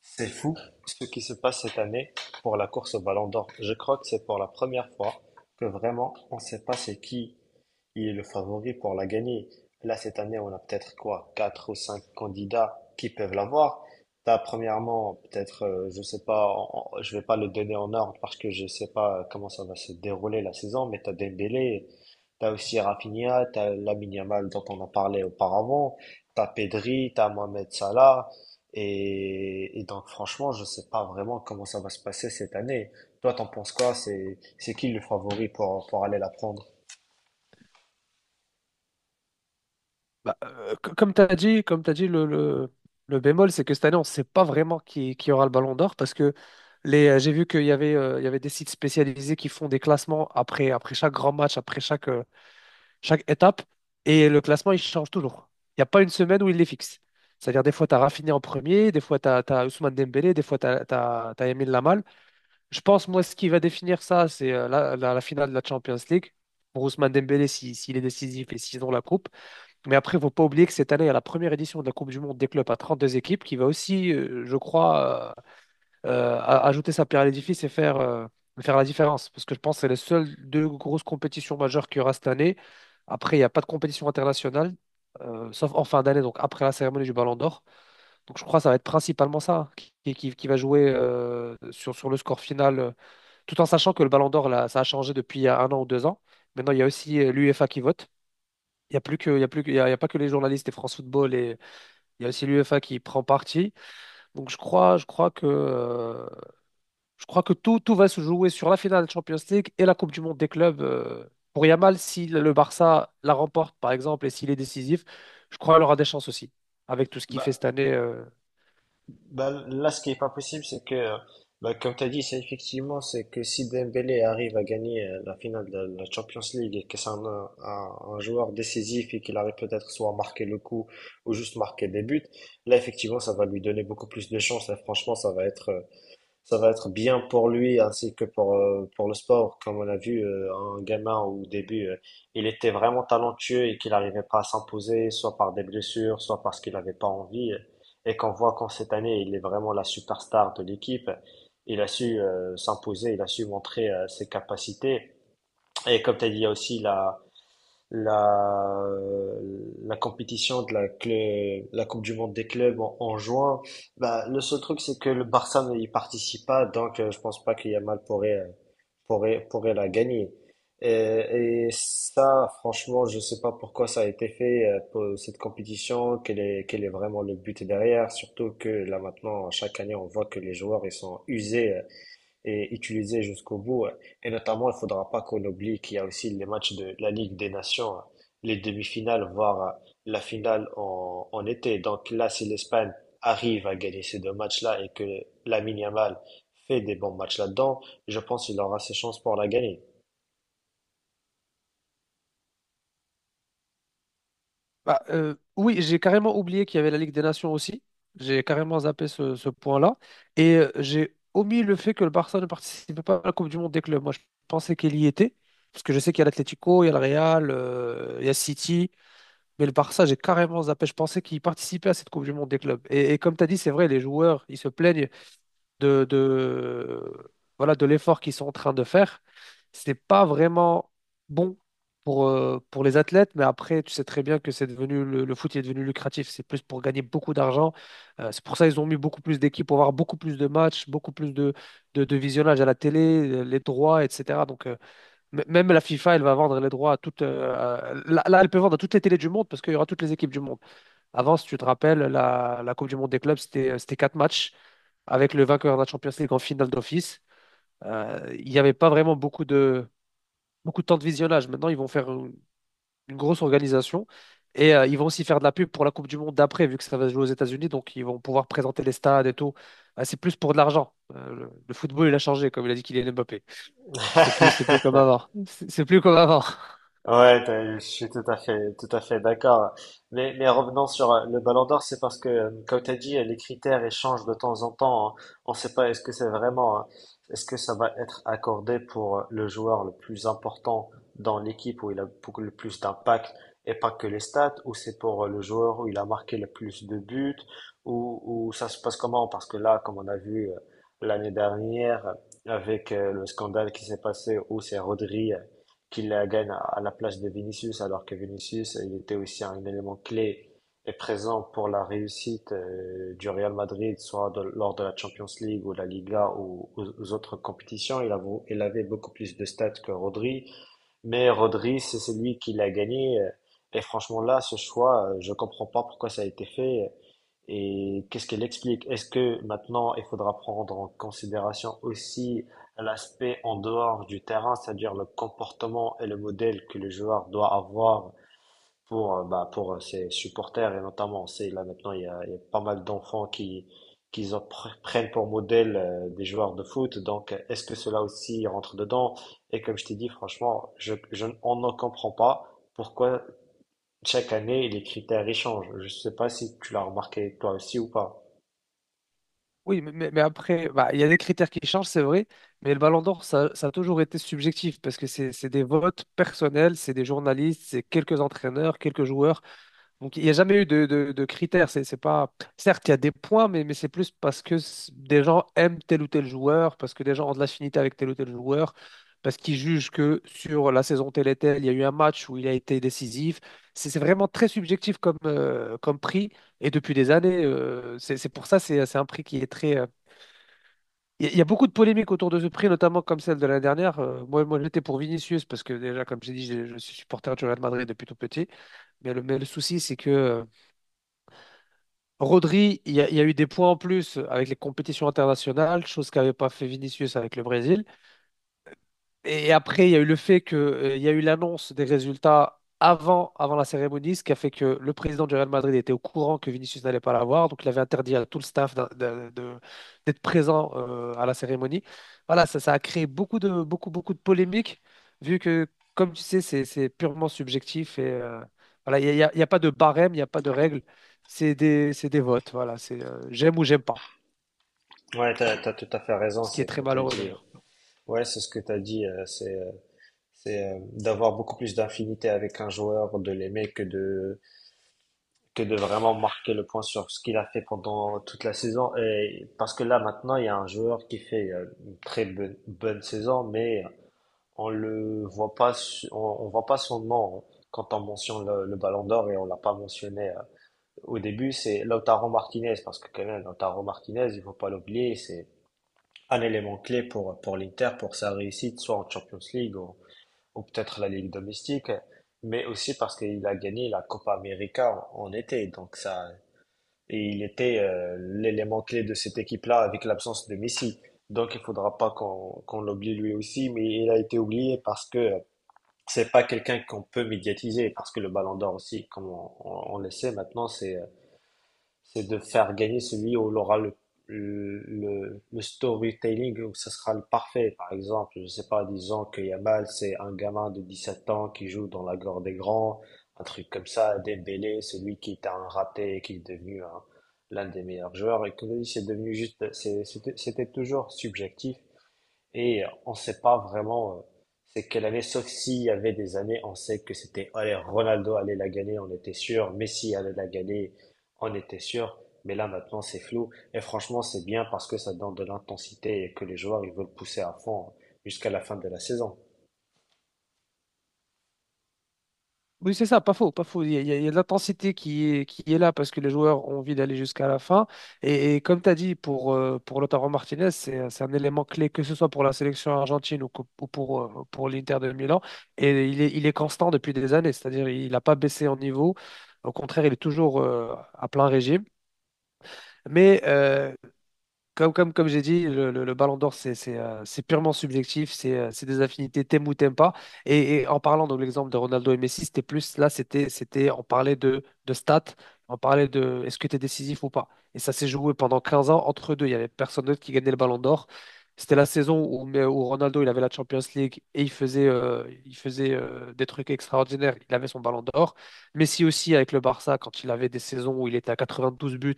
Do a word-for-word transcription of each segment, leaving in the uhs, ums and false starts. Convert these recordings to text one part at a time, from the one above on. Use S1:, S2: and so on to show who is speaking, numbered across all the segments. S1: C'est fou ce qui se passe cette année pour la course au Ballon d'Or. Je crois que c'est pour la première fois que vraiment on ne sait pas c'est qui est le favori pour la gagner. Là, cette année, on a peut-être quoi, quatre ou cinq candidats qui peuvent l'avoir. T'as premièrement, peut-être, euh, je sais pas, en- en- je vais pas le donner en ordre parce que je sais pas comment ça va se dérouler la saison, mais t'as Dembélé, t'as aussi Rafinha, t'as Lamine Yamal dont on a parlé auparavant, t'as Pedri, t'as Mohamed Salah, et, et donc, franchement, je sais pas vraiment comment ça va se passer cette année. Toi, t'en penses quoi? C'est, c'est qui le favori pour, pour aller la prendre?
S2: Bah, euh, co- comme tu as dit, comme t'as dit le, le, le bémol, c'est que cette année, on ne sait pas vraiment qui, qui aura le Ballon d'Or parce que les, euh, j'ai vu qu'il y avait, euh, il y avait des sites spécialisés qui font des classements après, après chaque grand match, après chaque, euh, chaque étape, et le classement, il change toujours. Il n'y a pas une semaine où il les fixe. C'est-à-dire, des fois, tu as Rafinha en premier, des fois, tu as, Ousmane Dembélé, des fois, tu as, Lamine Lamal. Je pense, moi, ce qui va définir ça, c'est euh, la, la, la finale de la Champions League. Pour Ousmane Dembélé, si- s'il est décisif et s'ils ont la coupe. Mais après, il ne faut pas oublier que cette année, il y a la première édition de la Coupe du Monde des clubs à trente-deux équipes qui va aussi, euh, je crois, euh, euh, a- ajouter sa pierre à l'édifice et faire, euh, faire la différence. Parce que je pense que c'est les seules deux grosses compétitions majeures qu'il y aura cette année. Après, il n'y a pas de compétition internationale, euh, sauf en fin d'année, donc après la cérémonie du Ballon d'Or. Donc je crois que ça va être principalement ça qui, qui- qui va jouer euh, sur, sur le score final, euh, tout en sachant que le Ballon d'Or, là, ça a changé depuis il y a un an ou deux ans. Maintenant, il y a aussi euh, l'UEFA qui vote. Il n'y a plus que, il y a plus que- il y a, il y a pas que les journalistes et France Football et il y a aussi l'UEFA qui prend parti. Donc je crois, je crois que, euh, je crois que tout, tout va se jouer sur la finale Champions League et la Coupe du Monde des clubs. euh. Pour Yamal, si le Barça la remporte par exemple et s'il est décisif, je crois qu'il aura des chances aussi avec tout ce qu'il
S1: Bah,
S2: fait cette année. euh,
S1: bah, là, ce qui est pas possible, c'est que, euh, bah, comme tu as dit, c'est effectivement, c'est que si Dembélé arrive à gagner euh, la finale de la Champions League et que c'est un, un, un joueur décisif et qu'il arrive peut-être soit à marquer le coup ou juste marquer des buts, là, effectivement, ça va lui donner beaucoup plus de chance et franchement, ça va être, euh, ça va être bien pour lui ainsi que pour, euh, pour le sport. Comme on a vu euh, un gamin au début, euh, il était vraiment talentueux et qu'il n'arrivait pas à s'imposer, soit par des blessures, soit parce qu'il n'avait pas envie. Et qu'on voit qu'en cette année, il est vraiment la superstar de l'équipe. Il a su euh, s'imposer, il a su montrer euh, ses capacités. Et comme tu as dit, il y a aussi la, la, la compétition de la, clé- la Coupe du Monde des clubs en, en juin. Bah, le seul truc, c'est que le Barça n'y participe pas, donc euh, je pense pas que Yamal pourrait, euh, pourrait, pourrait la gagner. Et, et ça, franchement, je sais pas pourquoi ça a été fait, euh, pour cette compétition, quel est, quel est vraiment le but derrière, surtout que là maintenant, chaque année, on voit que les joueurs, ils sont usés euh, et utiliser jusqu'au bout. euh, Et notamment, il faudra pas qu'on oublie qu'il y a aussi les matchs de la Ligue des Nations, euh, les demi-finales, voire euh, la finale en, en été. Donc là, si l'Espagne arrive à gagner ces deux matchs-là et que Lamine Yamal fait des bons matchs là-dedans, je pense qu'il aura ses chances pour la gagner.
S2: Bah, euh, oui, j'ai carrément oublié qu'il y avait la Ligue des Nations aussi. J'ai carrément zappé ce, ce point-là. Et euh, j'ai omis le fait que le Barça ne participait pas à la Coupe du Monde des clubs. Moi, je pensais qu'il y était. Parce que je sais qu'il y a l'Atlético, il y a le Real, euh, il y a City. Mais le Barça, j'ai carrément zappé. Je pensais qu'il participait à cette Coupe du Monde des clubs. Et, et comme tu as dit, c'est vrai, les joueurs, ils se plaignent de, de- voilà, de l'effort qu'ils sont en train de faire, c'est pas vraiment bon pour, euh, pour les athlètes, mais après, tu sais très bien que c'est devenu le, le foot est devenu lucratif, c'est plus pour gagner beaucoup d'argent. Euh, c'est pour ça qu'ils ont mis beaucoup plus d'équipes pour avoir beaucoup plus de matchs, beaucoup plus de, de, de visionnage à la télé, euh, les droits, et cetera. Donc, euh, m- même la FIFA, elle va vendre les droits à toutes. Euh, là, là, elle peut vendre à toutes les télés du monde parce qu'il y aura toutes les équipes du monde. Avant, si tu te rappelles, la, la Coupe du Monde des clubs, c'était euh, c'était quatre matchs avec le vainqueur de la Champions League en finale d'office. Euh, il n'y avait pas vraiment beaucoup de, beaucoup de temps de visionnage. Maintenant, ils vont faire une, une grosse organisation et euh, ils vont aussi faire de la pub pour la Coupe du Monde d'après, vu que ça va se jouer aux États-Unis. Donc, ils vont pouvoir présenter les stades et tout. Euh, c'est plus pour de l'argent. Euh, le, le football, il a changé, comme il a dit Kylian Mbappé. C'est plus, c'est plus comme avant. C'est c'est plus comme avant.
S1: Ouais, t'as- je suis tout à fait, tout à fait d'accord. Mais, mais revenons sur euh, le Ballon d'Or, c'est parce que, euh, comme tu as dit, euh, les critères échangent de temps en temps, hein. On ne sait pas est-ce que c'est vraiment, euh, est-ce que ça va être accordé pour euh, le joueur le plus important dans l'équipe où il a beaucoup le plus d'impact et pas que les stats, ou c'est pour euh, le joueur où il a marqué le plus de buts, ou, ou ça se passe comment? Parce que là, comme on a vu euh, l'année dernière euh, avec euh, le scandale qui s'est passé où c'est Rodri euh, qu'il la gagne à à la place de Vinicius, alors que Vinicius, euh, il était aussi un élément clé et présent pour la réussite euh, du Real Madrid, soit de- lors de la Champions League ou la Liga ou aux, aux autres compétitions. Il, a- il avait beaucoup plus de stats que Rodri. Mais Rodri, c'est c'est lui qui l'a gagné. euh, Et franchement, là, ce choix, euh, je comprends pas pourquoi ça a été fait. euh, Et qu'est-ce qu'elle explique? Est-ce que maintenant, il faudra prendre en considération aussi l'aspect en dehors du terrain, c'est-à-dire le comportement et le modèle que le joueur doit avoir pour, euh, bah, pour euh, ses supporters et notamment, on sait, là maintenant, il y a, il y a pas mal d'enfants qui, qui en pr- prennent pour modèle euh, des joueurs de foot. Donc, euh, est-ce que cela aussi rentre dedans? Et comme je t'ai dit, franchement, je, je, n- on ne comprend pas pourquoi chaque année les critères ils changent. Je ne sais pas si tu l'as remarqué toi aussi ou pas.
S2: Oui, mais, mais- mais après, bah, il y a des critères qui changent, c'est vrai. Mais le Ballon d'Or, ça, ça a toujours été subjectif parce que c'est c'est des votes personnels, c'est des journalistes, c'est quelques entraîneurs, quelques joueurs. Donc, il n'y a jamais eu de, de, de critères. C'est, c'est pas. Certes, il y a des points, mais, mais c'est plus parce que c- des gens aiment tel ou tel joueur, parce que des gens ont de l'affinité avec tel ou tel joueur, parce qu'ils jugent que sur la saison telle et telle, il y a eu un match où il a été décisif. C'est c'est vraiment très subjectif comme, euh, comme prix, et depuis des années, euh, c'est c'est pour ça, c'est c'est un prix qui est très... euh, Il y, a il y a beaucoup de polémiques autour de ce prix, notamment comme celle de l'année dernière. Euh, moi, moi j'étais pour Vinicius, parce que déjà, comme j'ai dit, je, je suis supporter du Real Madrid depuis tout petit. Mais le, mais le souci, c'est que... euh, Rodri, il y, a il y a eu des points en plus avec les compétitions internationales, chose qu'avait pas fait Vinicius avec le Brésil. Et après, il y a eu le fait que, euh, il y a eu l'annonce des résultats avant, avant la cérémonie, ce qui a fait que le président du Real Madrid était au courant que Vinicius n'allait pas l'avoir. Donc, il avait interdit à tout le staff d'in- de- de- d'être présent euh, à la cérémonie. Voilà, ça, ça a créé beaucoup de, beaucoup, beaucoup de polémiques, vu que, comme tu sais, c'est, c'est purement subjectif. Et euh, voilà, il n'y a, il y a- il y a pas de barème, il n'y a pas de règle. C'est des, c'est des votes. Voilà, c'est euh, j'aime ou j'aime pas,
S1: Ouais, t'as, t'as tout à fait raison,
S2: ce qui est
S1: c'est
S2: très
S1: comme t'as
S2: malheureux
S1: dit. euh,
S2: d'ailleurs.
S1: Ouais, c'est ce que t'as dit, euh, c'est, euh, c'est euh, d'avoir beaucoup plus d'infinité avec un joueur, de l'aimer que de que de vraiment marquer le point sur ce qu'il a fait pendant toute la saison. Et parce que là, maintenant, il y a un joueur qui fait euh, une très bonne, bonne saison, mais on le voit pas, su- on, on voit pas son nom quand on mentionne le, le Ballon d'Or et on l'a pas mentionné euh, au début. C'est Lautaro Martinez parce que quand même, Lautaro Martinez, il faut pas l'oublier, c'est un élément clé pour pour l'Inter pour sa réussite, soit en Champions League ou, ou peut-être la Ligue domestique mais aussi parce qu'il a gagné la Copa América en, en été. Donc ça, et il était euh, l'élément clé de cette équipe-là avec l'absence de Messi. Donc il faudra pas qu'on qu'on l'oublie lui aussi, mais il a été oublié parce que euh, c'est pas quelqu'un qu'on peut médiatiser, parce que le Ballon d'Or aussi, comme on, on- on le sait maintenant, c'est euh, c'est de faire gagner celui où il aura le, le, le le storytelling, où ça sera le parfait. Par exemple, je sais pas, disons que Yamal, c'est un gamin de dix sept ans qui joue dans la gore des grands, un truc comme ça, Dembélé, celui qui était un raté et qui est devenu un- l'un des meilleurs joueurs. Et que lui, c'est devenu juste, c'est- c'était c'était toujours subjectif. Et euh, on ne sait pas vraiment euh, c'est quelle année, sauf s'il y avait des années, on sait que c'était, allez, Ronaldo allait la gagner, on était sûr, Messi allait la gagner, on était sûr, mais là maintenant c'est flou, et franchement c'est bien parce que ça donne de l'intensité et que les joueurs ils veulent pousser à fond jusqu'à la fin de la saison.
S2: Oui, c'est ça, pas faux, pas faux. Il y a, il y a- il y a de l'intensité qui est, qui est là parce que les joueurs ont envie d'aller jusqu'à la fin. Et, et comme tu as dit, pour, euh, pour Lautaro Martinez, c'est, c'est un élément clé, que ce soit pour la sélection argentine ou, co- ou pour, euh, pour l'Inter de Milan. Et il est, il est constant depuis des années, c'est-à-dire il n'a pas baissé en niveau. Au contraire, il est toujours euh, à plein régime. Mais euh, comme, comme, comme j'ai dit, le, le- le Ballon d'Or, c'est c'est, euh, c'est purement subjectif, c'est euh, c'est des affinités, t'aimes ou t'aimes pas. Et, et en parlant de l'exemple de Ronaldo et Messi, c'était plus, là, c'était, c'était, on parlait de, de stats, on parlait de est-ce que tu es décisif ou pas. Et ça s'est joué pendant quinze ans entre deux. Il n'y avait personne d'autre qui gagnait le Ballon d'Or. C'était la saison où, mais où Ronaldo, il avait la Champions League et il faisait, euh, il faisait euh, des trucs extraordinaires. Il avait son Ballon d'Or. Messi aussi avec le Barça, quand il avait des saisons où il était à quatre-vingt-douze buts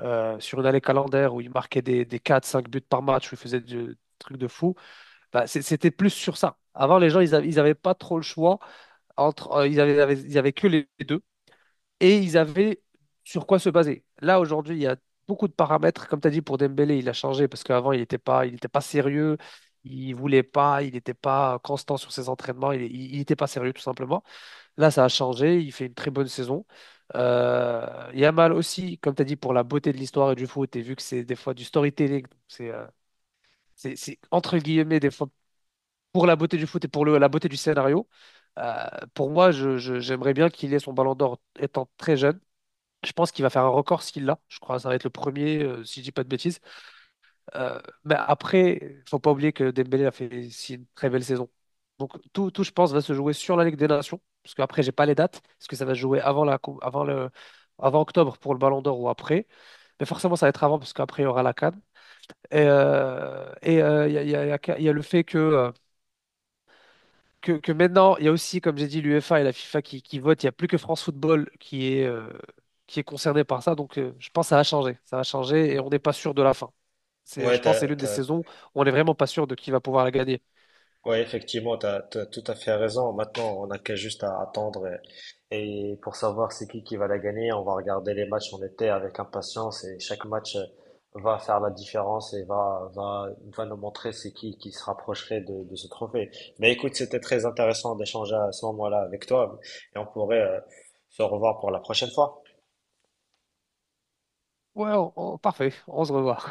S2: euh, sur une année calendaire où il marquait des, des quatre cinq buts par match, où il faisait du- des trucs de fou, bah, c'est- c'était plus sur ça. Avant, les gens, ils avaient, ils avaient pas trop le choix entre, euh, ils avaient, ils avaient, ils avaient que les deux et ils avaient sur quoi se baser. Là, aujourd'hui, il y a beaucoup de paramètres. Comme tu as dit, pour Dembélé, il a changé parce qu'avant, il n'était pas, il était pas sérieux, il voulait pas, il n'était pas constant sur ses entraînements, il n'était pas sérieux, tout simplement. Là, ça a changé. Il fait une très bonne saison. Euh, Yamal aussi, comme tu as dit, pour la beauté de l'histoire et du foot, et vu que c'est des fois du storytelling, donc c'est euh, c'est- c'est entre guillemets des fois pour la beauté du foot et pour le- la beauté du scénario. euh, pour moi, je- je- j'aimerais bien qu'il ait son Ballon d'Or étant très jeune. Je pense qu'il va faire un record s'il l'a. Je crois que ça va être le premier, euh, si je dis pas de bêtises. Euh, mais après, faut pas oublier que Dembélé a fait si une très belle saison. Donc tout, tout, je pense, va se jouer sur la Ligue des Nations, parce qu'après, j'ai pas les dates, parce que ça va se jouer avant la, cou- avant le, avant octobre pour le Ballon d'Or ou après. Mais forcément, ça va être avant, parce qu'après, il y aura la CAN. Et euh, et euh, il y a, il y a- il y a- il y a le fait que, euh, que, que maintenant, il y a aussi, comme j'ai dit, l'UEFA et la FIFA qui, qui votent. Il n'y a plus que France Football qui est, euh, qui est concerné par ça. Donc, euh, je pense que ça va changer. Ça va changer et on n'est pas sûr de la fin. C'est,
S1: Ouais,
S2: je pense que c'est
S1: t'as,
S2: l'une des
S1: t'as,
S2: saisons où on n'est vraiment pas sûr de qui va pouvoir la gagner.
S1: Ouais, effectivement, tu as, tout à fait raison. Maintenant, on n'a qu'à juste à attendre et, et pour savoir c'est qui qui va la gagner, on va regarder les matchs en été avec impatience et chaque match euh, va faire la différence et va, va, va nous montrer c'est qui qui se rapprocherait de, de ce trophée. Mais écoute, c'était très intéressant d'échanger à ce moment-là avec toi et on pourrait euh, se revoir pour la prochaine fois.
S2: Ouais, on- on- parfait, on se revoit.